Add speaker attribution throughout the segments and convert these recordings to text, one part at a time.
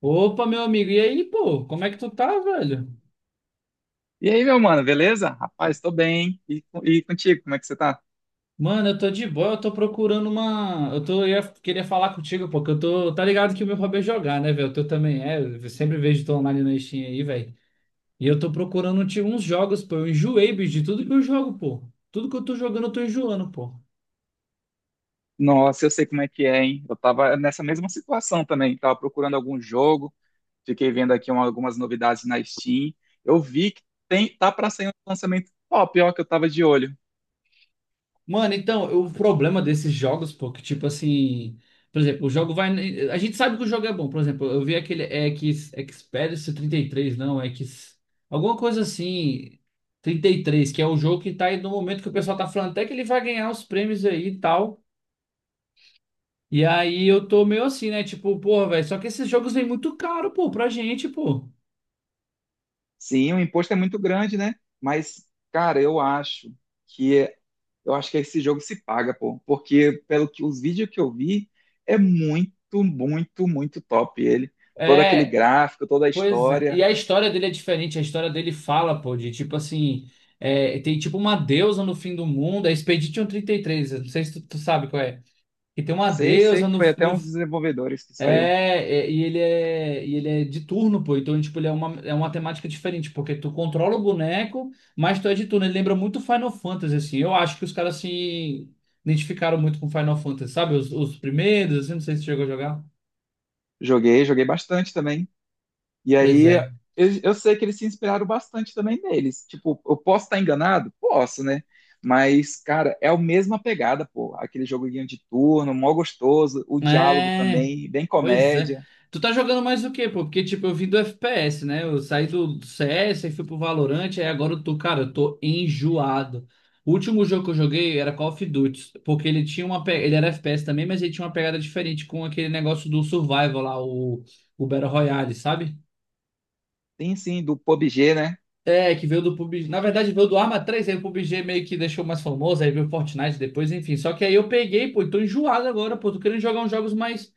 Speaker 1: Opa, meu amigo, e aí, pô, como é que tu tá, velho?
Speaker 2: E aí, meu mano, beleza? Rapaz, tô bem. E, e contigo, como é que você tá?
Speaker 1: Mano, eu tô de boa, eu tô procurando uma. Eu tô, queria falar contigo, pô, que eu tô. Tá ligado que o meu hobby é jogar, né, velho? O teu também é. Eu sempre vejo tu online na Steam aí, velho. E eu tô procurando tipo, uns jogos, pô. Eu enjoei, bicho, de tudo que eu jogo, pô. Tudo que eu tô jogando, eu tô enjoando, pô.
Speaker 2: Nossa, eu sei como é que é, hein? Eu tava nessa mesma situação também. Tava procurando algum jogo, fiquei vendo aqui algumas novidades na Steam. Eu vi que tem, tá pra sair um lançamento top, ó, que eu tava de olho.
Speaker 1: Mano, então, o problema desses jogos, pô, que tipo assim, por exemplo, o jogo vai. A gente sabe que o jogo é bom, por exemplo, eu vi aquele X, Expedition trinta e três, não, X. Alguma coisa assim, 33, que é o jogo que tá aí no momento que o pessoal tá falando até que ele vai ganhar os prêmios aí e tal. E aí eu tô meio assim, né? Tipo, porra, velho, só que esses jogos vêm muito caro, pô, pra gente, pô.
Speaker 2: Sim, o imposto é muito grande, né? Mas, cara, eu acho que é- eu acho que esse jogo se paga, pô. Porque, pelo que os vídeos que eu vi, é muito, muito, muito top ele. Todo aquele
Speaker 1: É,
Speaker 2: gráfico, toda a
Speaker 1: pois é, e
Speaker 2: história.
Speaker 1: a história dele é diferente, a história dele fala, pô, de tipo assim, é, tem tipo uma deusa no fim do mundo, é Expedition 33, eu não sei se tu, tu sabe qual é, que tem uma
Speaker 2: Sei, sei
Speaker 1: deusa
Speaker 2: que
Speaker 1: no,
Speaker 2: foi até
Speaker 1: no
Speaker 2: uns desenvolvedores que saiu.
Speaker 1: é, é, e ele é, e ele é de turno, pô, então tipo, ele é uma temática diferente, porque tu controla o boneco, mas tu é de turno, ele lembra muito Final Fantasy, assim, eu acho que os caras se identificaram muito com Final Fantasy, sabe, os primeiros, assim, não sei se chegou a jogar,
Speaker 2: Joguei, joguei bastante também. E
Speaker 1: pois
Speaker 2: aí,
Speaker 1: é.
Speaker 2: eu sei que eles se inspiraram bastante também neles. Tipo, eu posso estar enganado? Posso, né? Mas, cara, é a mesma pegada, pô. Aquele joguinho de turno, mó gostoso. O diálogo
Speaker 1: É,
Speaker 2: também, bem
Speaker 1: pois é.
Speaker 2: comédia.
Speaker 1: Tu tá jogando mais o quê, pô? Porque, tipo, eu vim do FPS, né? Eu saí do CS, aí fui pro Valorant, aí agora eu tô, cara, eu tô enjoado. O último jogo que eu joguei era Call of Duty, porque ele tinha uma, ele era FPS também, mas ele tinha uma pegada diferente com aquele negócio do survival lá, o Battle Royale, sabe?
Speaker 2: Tem sim, do PUBG, né?
Speaker 1: É, que veio do PUBG. Na verdade, veio do Arma três aí o PUBG meio que deixou mais famoso, aí veio o Fortnite depois, enfim. Só que aí eu peguei, pô, e tô enjoado agora, pô, tô querendo jogar uns jogos mais.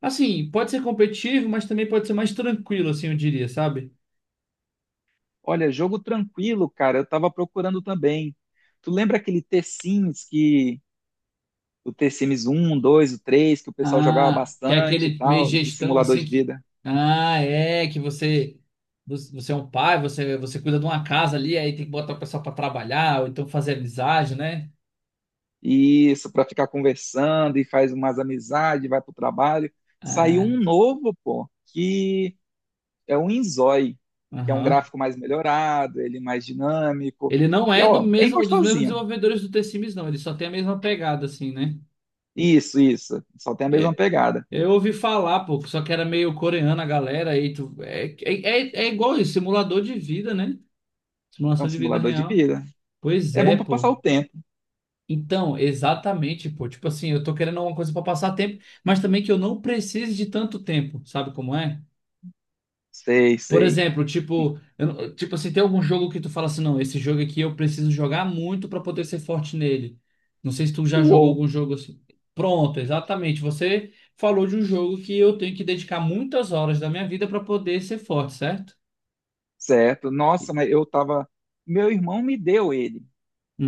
Speaker 1: Assim, pode ser competitivo, mas também pode ser mais tranquilo, assim, eu diria, sabe?
Speaker 2: Olha, jogo tranquilo, cara. Eu tava procurando também. Tu lembra aquele T-Sims que... O T-Sims 1, 2, o 3 que o pessoal jogava
Speaker 1: Ah, que é
Speaker 2: bastante e
Speaker 1: aquele meio
Speaker 2: tal, de
Speaker 1: gestão
Speaker 2: simulador
Speaker 1: assim
Speaker 2: de
Speaker 1: que.
Speaker 2: vida.
Speaker 1: Ah, é, que você. Você é um pai, você, você cuida de uma casa ali, aí tem que botar o pessoal pra trabalhar, ou então fazer amizade, né?
Speaker 2: Isso, para ficar conversando e faz umas amizades, vai pro trabalho. Saiu
Speaker 1: Ah,
Speaker 2: um novo, pô, que é um Inzói, que é um
Speaker 1: aham.
Speaker 2: gráfico mais melhorado, ele mais dinâmico.
Speaker 1: Ele não
Speaker 2: E,
Speaker 1: é do
Speaker 2: ó, bem
Speaker 1: mesmo, dos mesmos
Speaker 2: gostosinho.
Speaker 1: desenvolvedores do T-Sims, não. Ele só tem a mesma pegada, assim, né?
Speaker 2: Isso, isso. Só tem a mesma
Speaker 1: É,
Speaker 2: pegada.
Speaker 1: eu ouvi falar, pô, que só que era meio coreana a galera, aí tu. É, é, é é igual isso, simulador de vida, né?
Speaker 2: É
Speaker 1: Simulação
Speaker 2: um
Speaker 1: de vida
Speaker 2: simulador de
Speaker 1: real.
Speaker 2: vida.
Speaker 1: Pois
Speaker 2: É bom
Speaker 1: é,
Speaker 2: para passar
Speaker 1: pô.
Speaker 2: o tempo.
Speaker 1: Então, exatamente, pô. Tipo assim, eu tô querendo alguma coisa pra passar tempo, mas também que eu não precise de tanto tempo, sabe como é?
Speaker 2: Sei,
Speaker 1: Por
Speaker 2: sei.
Speaker 1: exemplo, tipo, eu não- tipo assim, tem algum jogo que tu fala assim, não, esse jogo aqui eu preciso jogar muito pra poder ser forte nele. Não sei se tu já jogou
Speaker 2: Uou,
Speaker 1: algum jogo assim. Pronto, exatamente. Você falou de um jogo que eu tenho que dedicar muitas horas da minha vida pra poder ser forte, certo?
Speaker 2: certo. Nossa, mas eu tava. Meu irmão me deu ele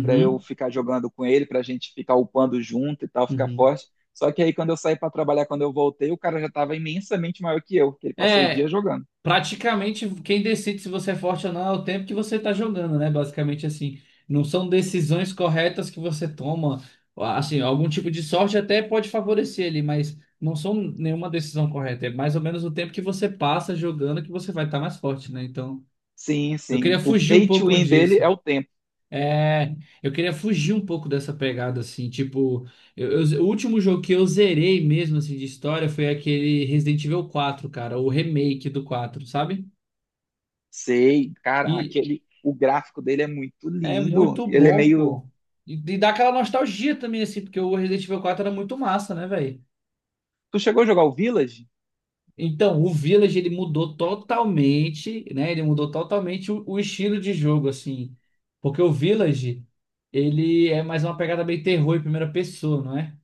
Speaker 2: para eu ficar jogando com ele, para a gente ficar upando junto e tal, ficar
Speaker 1: uhum.
Speaker 2: forte. Só que aí quando eu saí para trabalhar, quando eu voltei, o cara já estava imensamente maior que eu, porque ele passou o dia
Speaker 1: É,
Speaker 2: jogando.
Speaker 1: praticamente quem decide se você é forte ou não é o tempo que você está jogando, né? Basicamente assim, não são decisões corretas que você toma, assim, algum tipo de sorte até pode favorecer ele, mas não são nenhuma decisão correta, é mais ou menos o tempo que você passa jogando que você vai estar mais forte, né? Então,
Speaker 2: Sim,
Speaker 1: eu
Speaker 2: sim.
Speaker 1: queria
Speaker 2: O
Speaker 1: fugir um
Speaker 2: pay to
Speaker 1: pouco
Speaker 2: win dele é
Speaker 1: disso.
Speaker 2: o tempo.
Speaker 1: É, eu queria fugir um pouco dessa pegada assim, tipo, o último jogo que eu zerei mesmo assim de história foi aquele Resident Evil 4, cara, o remake do 4, sabe?
Speaker 2: Sei, cara,
Speaker 1: E,
Speaker 2: aquele o gráfico dele é muito
Speaker 1: é
Speaker 2: lindo.
Speaker 1: muito
Speaker 2: Ele é
Speaker 1: bom,
Speaker 2: meio.
Speaker 1: pô. E dá aquela nostalgia também, assim, porque o Resident Evil 4 era muito massa, né, velho?
Speaker 2: Tu chegou a jogar o Village?
Speaker 1: Então, o Village, ele mudou totalmente, né? Ele mudou totalmente o estilo de jogo, assim. Porque o Village, ele é mais uma pegada bem terror em primeira pessoa, não é?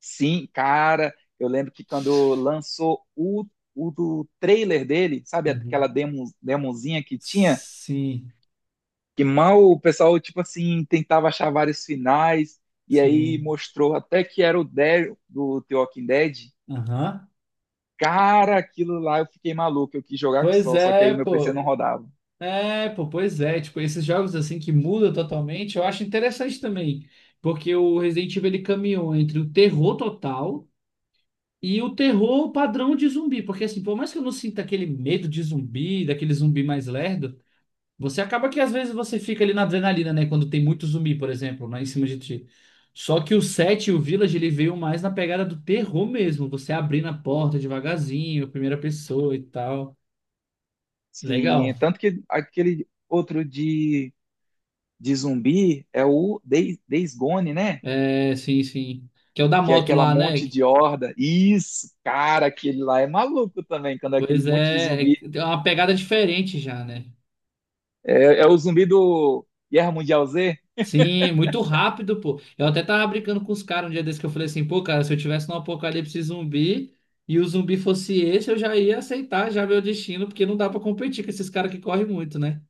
Speaker 2: Sim, cara, eu lembro que quando lançou o do trailer dele, sabe aquela
Speaker 1: Uhum.
Speaker 2: demo, demozinha que tinha?
Speaker 1: Sim,
Speaker 2: Que mal o pessoal, tipo assim, tentava achar vários finais, e aí
Speaker 1: sim.
Speaker 2: mostrou até que era o Daryl do The Walking Dead.
Speaker 1: Aham.
Speaker 2: Cara, aquilo lá eu fiquei maluco, eu quis jogar que
Speaker 1: Pois
Speaker 2: só, só que aí
Speaker 1: é,
Speaker 2: o meu PC não
Speaker 1: pô.
Speaker 2: rodava.
Speaker 1: É, pô, pois é, tipo, esses jogos assim que mudam totalmente, eu acho interessante também, porque o Resident Evil ele caminhou entre o terror total e o terror padrão de zumbi, porque assim, por mais que eu não sinta aquele medo de zumbi, daquele zumbi mais lerdo, você acaba que às vezes você fica ali na adrenalina, né, quando tem muito zumbi, por exemplo, né, em cima de ti. Só que o 7 e o Village ele veio mais na pegada do terror mesmo, você abrindo a porta devagarzinho, primeira pessoa e tal.
Speaker 2: Sim,
Speaker 1: Legal.
Speaker 2: tanto que aquele de zumbi é o Days Gone, né?
Speaker 1: É, sim, sim. Que é o da
Speaker 2: Que é
Speaker 1: moto
Speaker 2: aquela
Speaker 1: lá, né?
Speaker 2: monte de horda. Isso, cara, aquele lá é maluco também, quando é aquele
Speaker 1: Pois
Speaker 2: monte de
Speaker 1: é, é
Speaker 2: zumbi.
Speaker 1: tem uma pegada diferente já, né?
Speaker 2: É, é o zumbi do Guerra Mundial Z?
Speaker 1: Sim, muito rápido, pô. Eu até tava brincando com os caras um dia desse que eu falei assim, pô, cara, se eu tivesse num apocalipse zumbi e o zumbi fosse esse, eu já ia aceitar já meu destino, porque não dá pra competir com esses caras que correm muito, né?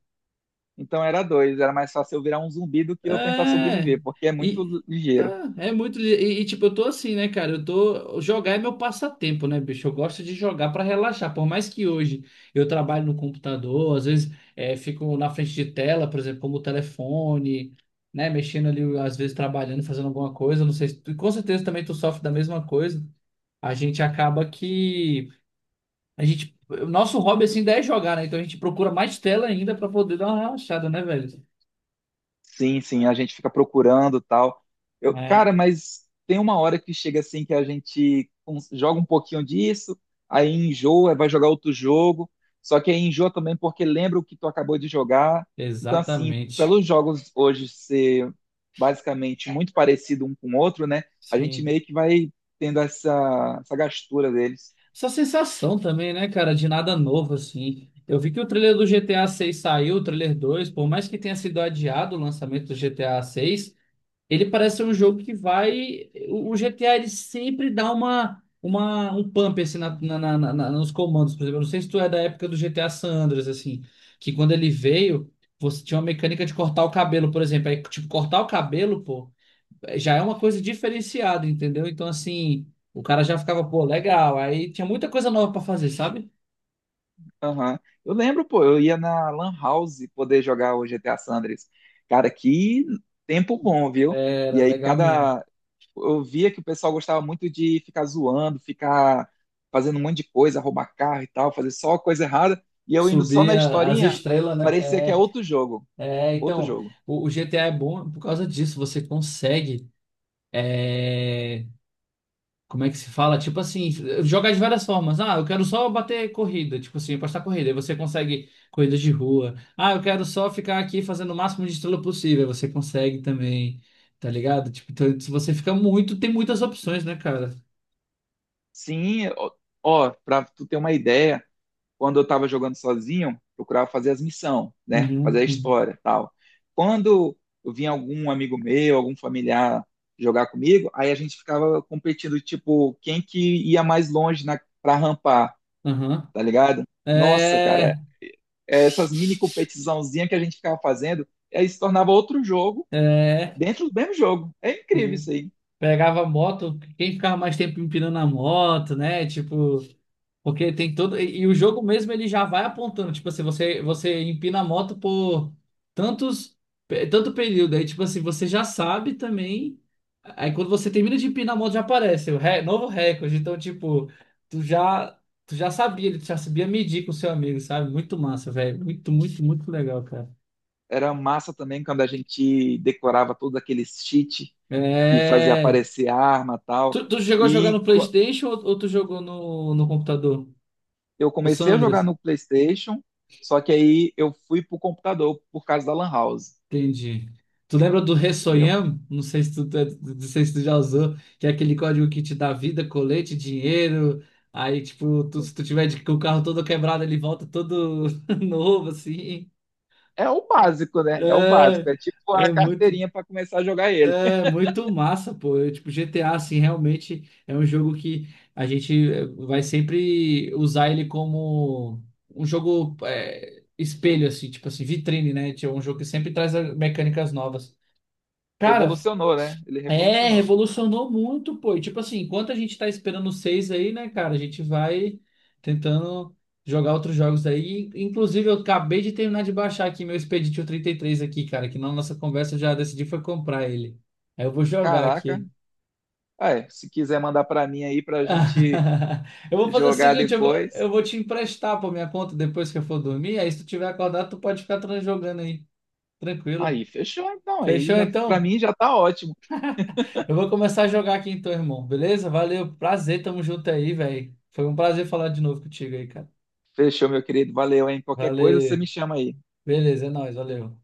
Speaker 2: Então era dois, era mais fácil eu virar um zumbi do que eu tentar
Speaker 1: É.
Speaker 2: sobreviver, porque é
Speaker 1: E,
Speaker 2: muito ligeiro.
Speaker 1: tá, é muito. E, tipo, eu tô assim, né, cara? Eu tô. Jogar é meu passatempo, né, bicho? Eu gosto de jogar pra relaxar. Por mais que hoje eu trabalho no computador, às vezes é, fico na frente de tela, por exemplo, como o telefone, né? Mexendo ali, às vezes trabalhando, fazendo alguma coisa. Não sei se tu- com certeza também tu sofre da mesma coisa. A gente acaba que. A gente. O nosso hobby, assim, ainda é jogar, né? Então a gente procura mais tela ainda pra poder dar uma relaxada, né, velho?
Speaker 2: Sim, sim, a gente fica procurando tal. Eu,
Speaker 1: É,
Speaker 2: cara, mas tem uma hora que chega assim que a gente joga um pouquinho disso, aí enjoa, vai jogar outro jogo, só que aí enjoa também porque lembra o que tu acabou de jogar. Então, assim,
Speaker 1: exatamente.
Speaker 2: pelos jogos hoje ser basicamente muito parecido um com o outro, né? A gente
Speaker 1: Sim.
Speaker 2: meio que vai tendo essa gastura deles.
Speaker 1: Essa sensação também, né, cara, de nada novo, assim. Eu vi que o trailer do GTA 6 saiu, o trailer 2 por mais que tenha sido adiado o lançamento do GTA 6, ele parece ser um jogo que vai. O GTA ele sempre dá uma, um pump assim, na, na, nos comandos. Por exemplo, eu não sei se tu é da época do GTA San Andreas, assim, que quando ele veio, você tinha uma mecânica de cortar o cabelo, por exemplo. Aí, tipo, cortar o cabelo, pô já é uma coisa diferenciada, entendeu? Então, assim, o cara já ficava, pô, legal. Aí tinha muita coisa nova pra fazer, sabe?
Speaker 2: Aham. Eu lembro, pô, eu ia na Lan House poder jogar o GTA San Andreas. Cara, que tempo bom, viu?
Speaker 1: Era
Speaker 2: E aí
Speaker 1: legal mesmo.
Speaker 2: cada eu via que o pessoal gostava muito de ficar zoando, ficar fazendo um monte de coisa, roubar carro e tal, fazer só coisa errada, e eu indo só
Speaker 1: Subir
Speaker 2: na
Speaker 1: a- as
Speaker 2: historinha,
Speaker 1: estrelas, né?
Speaker 2: parecia que é
Speaker 1: É,
Speaker 2: outro jogo,
Speaker 1: é,
Speaker 2: outro
Speaker 1: então,
Speaker 2: jogo.
Speaker 1: o GTA é bom por causa disso. Você consegue, como é que se fala? Tipo assim, jogar de várias formas. Ah, eu quero só bater corrida, tipo assim, apostar corrida. Aí você consegue corridas de rua. Ah, eu quero só ficar aqui fazendo o máximo de estrela possível. Aí você consegue também, tá ligado? Tipo, então, se você fica muito, tem muitas opções, né, cara?
Speaker 2: Sim, ó, ó, pra tu ter uma ideia, quando eu estava jogando sozinho, procurava fazer as missões, né? Fazer
Speaker 1: Uhum,
Speaker 2: a
Speaker 1: uhum,
Speaker 2: história, tal. Quando eu vinha algum amigo meu, algum familiar jogar comigo, aí a gente ficava competindo, tipo, quem que ia mais longe na, pra rampar,
Speaker 1: aham.
Speaker 2: tá ligado? Nossa, cara,
Speaker 1: É.
Speaker 2: é, essas mini competiçãozinhas que a gente ficava fazendo, aí se tornava outro jogo
Speaker 1: É.
Speaker 2: dentro do mesmo jogo. É incrível isso
Speaker 1: Sim.
Speaker 2: aí.
Speaker 1: Pegava a moto, quem ficava mais tempo empinando a moto, né? Tipo, porque tem todo. E o jogo mesmo ele já vai apontando. Tipo assim, você, você empina a moto por tantos, tanto período. Aí, tipo assim, você já sabe também. Aí quando você termina de empinar a moto, já aparece o novo recorde. Então, tipo, tu já. Tu já sabia, ele já sabia medir com o seu amigo, sabe? Muito massa, velho. Muito, muito, muito legal, cara.
Speaker 2: Era massa também quando a gente decorava todos aqueles cheat e fazia
Speaker 1: É.
Speaker 2: aparecer arma
Speaker 1: Tu,
Speaker 2: tal.
Speaker 1: tu chegou a jogar
Speaker 2: E
Speaker 1: no
Speaker 2: qu-
Speaker 1: PlayStation ou tu jogou no, no computador?
Speaker 2: eu
Speaker 1: O
Speaker 2: comecei a jogar
Speaker 1: Sandras?
Speaker 2: no PlayStation, só que aí eu fui pro computador por causa da Lan House,
Speaker 1: Entendi. Tu lembra do
Speaker 2: entendeu?
Speaker 1: Ressoyam? Não sei se tu, é, não sei se tu já usou, que é aquele código que te dá vida, colete, dinheiro. Aí, tipo, se tu tiver com o carro todo quebrado, ele volta todo novo, assim.
Speaker 2: É o básico, né? É o básico.
Speaker 1: É,
Speaker 2: É tipo a
Speaker 1: é muito.
Speaker 2: carteirinha para começar a jogar ele.
Speaker 1: É muito massa, pô. Eu, tipo, GTA, assim, realmente é um jogo que a gente vai sempre usar ele como um jogo espelho, assim, tipo assim, vitrine, né? Tipo, é um jogo que sempre traz mecânicas novas. Cara,
Speaker 2: Revolucionou, né? Ele
Speaker 1: é,
Speaker 2: revolucionou.
Speaker 1: revolucionou muito, pô. E, tipo assim, enquanto a gente tá esperando o 6 aí, né, cara, a gente vai tentando jogar outros jogos aí. Inclusive, eu acabei de terminar de baixar aqui meu Expedition trinta e três aqui, cara, que na nossa conversa eu já decidi foi comprar ele. Aí eu vou jogar
Speaker 2: Caraca.
Speaker 1: aqui.
Speaker 2: Ah, é, se quiser mandar para mim aí pra gente
Speaker 1: Eu vou fazer o
Speaker 2: jogar
Speaker 1: seguinte, eu
Speaker 2: depois.
Speaker 1: vou te emprestar por minha conta depois que eu for dormir. Aí se tu tiver acordado, tu pode ficar jogando aí, tranquilo.
Speaker 2: Aí, fechou. Então, aí
Speaker 1: Fechou
Speaker 2: já para
Speaker 1: então?
Speaker 2: mim já tá ótimo.
Speaker 1: Eu vou começar a jogar aqui então, irmão. Beleza? Valeu, prazer, tamo junto aí, velho. Foi um prazer falar de novo contigo aí, cara.
Speaker 2: Fechou, meu querido. Valeu, hein? Qualquer coisa você
Speaker 1: Valeu.
Speaker 2: me chama aí.
Speaker 1: Beleza, é nóis, valeu.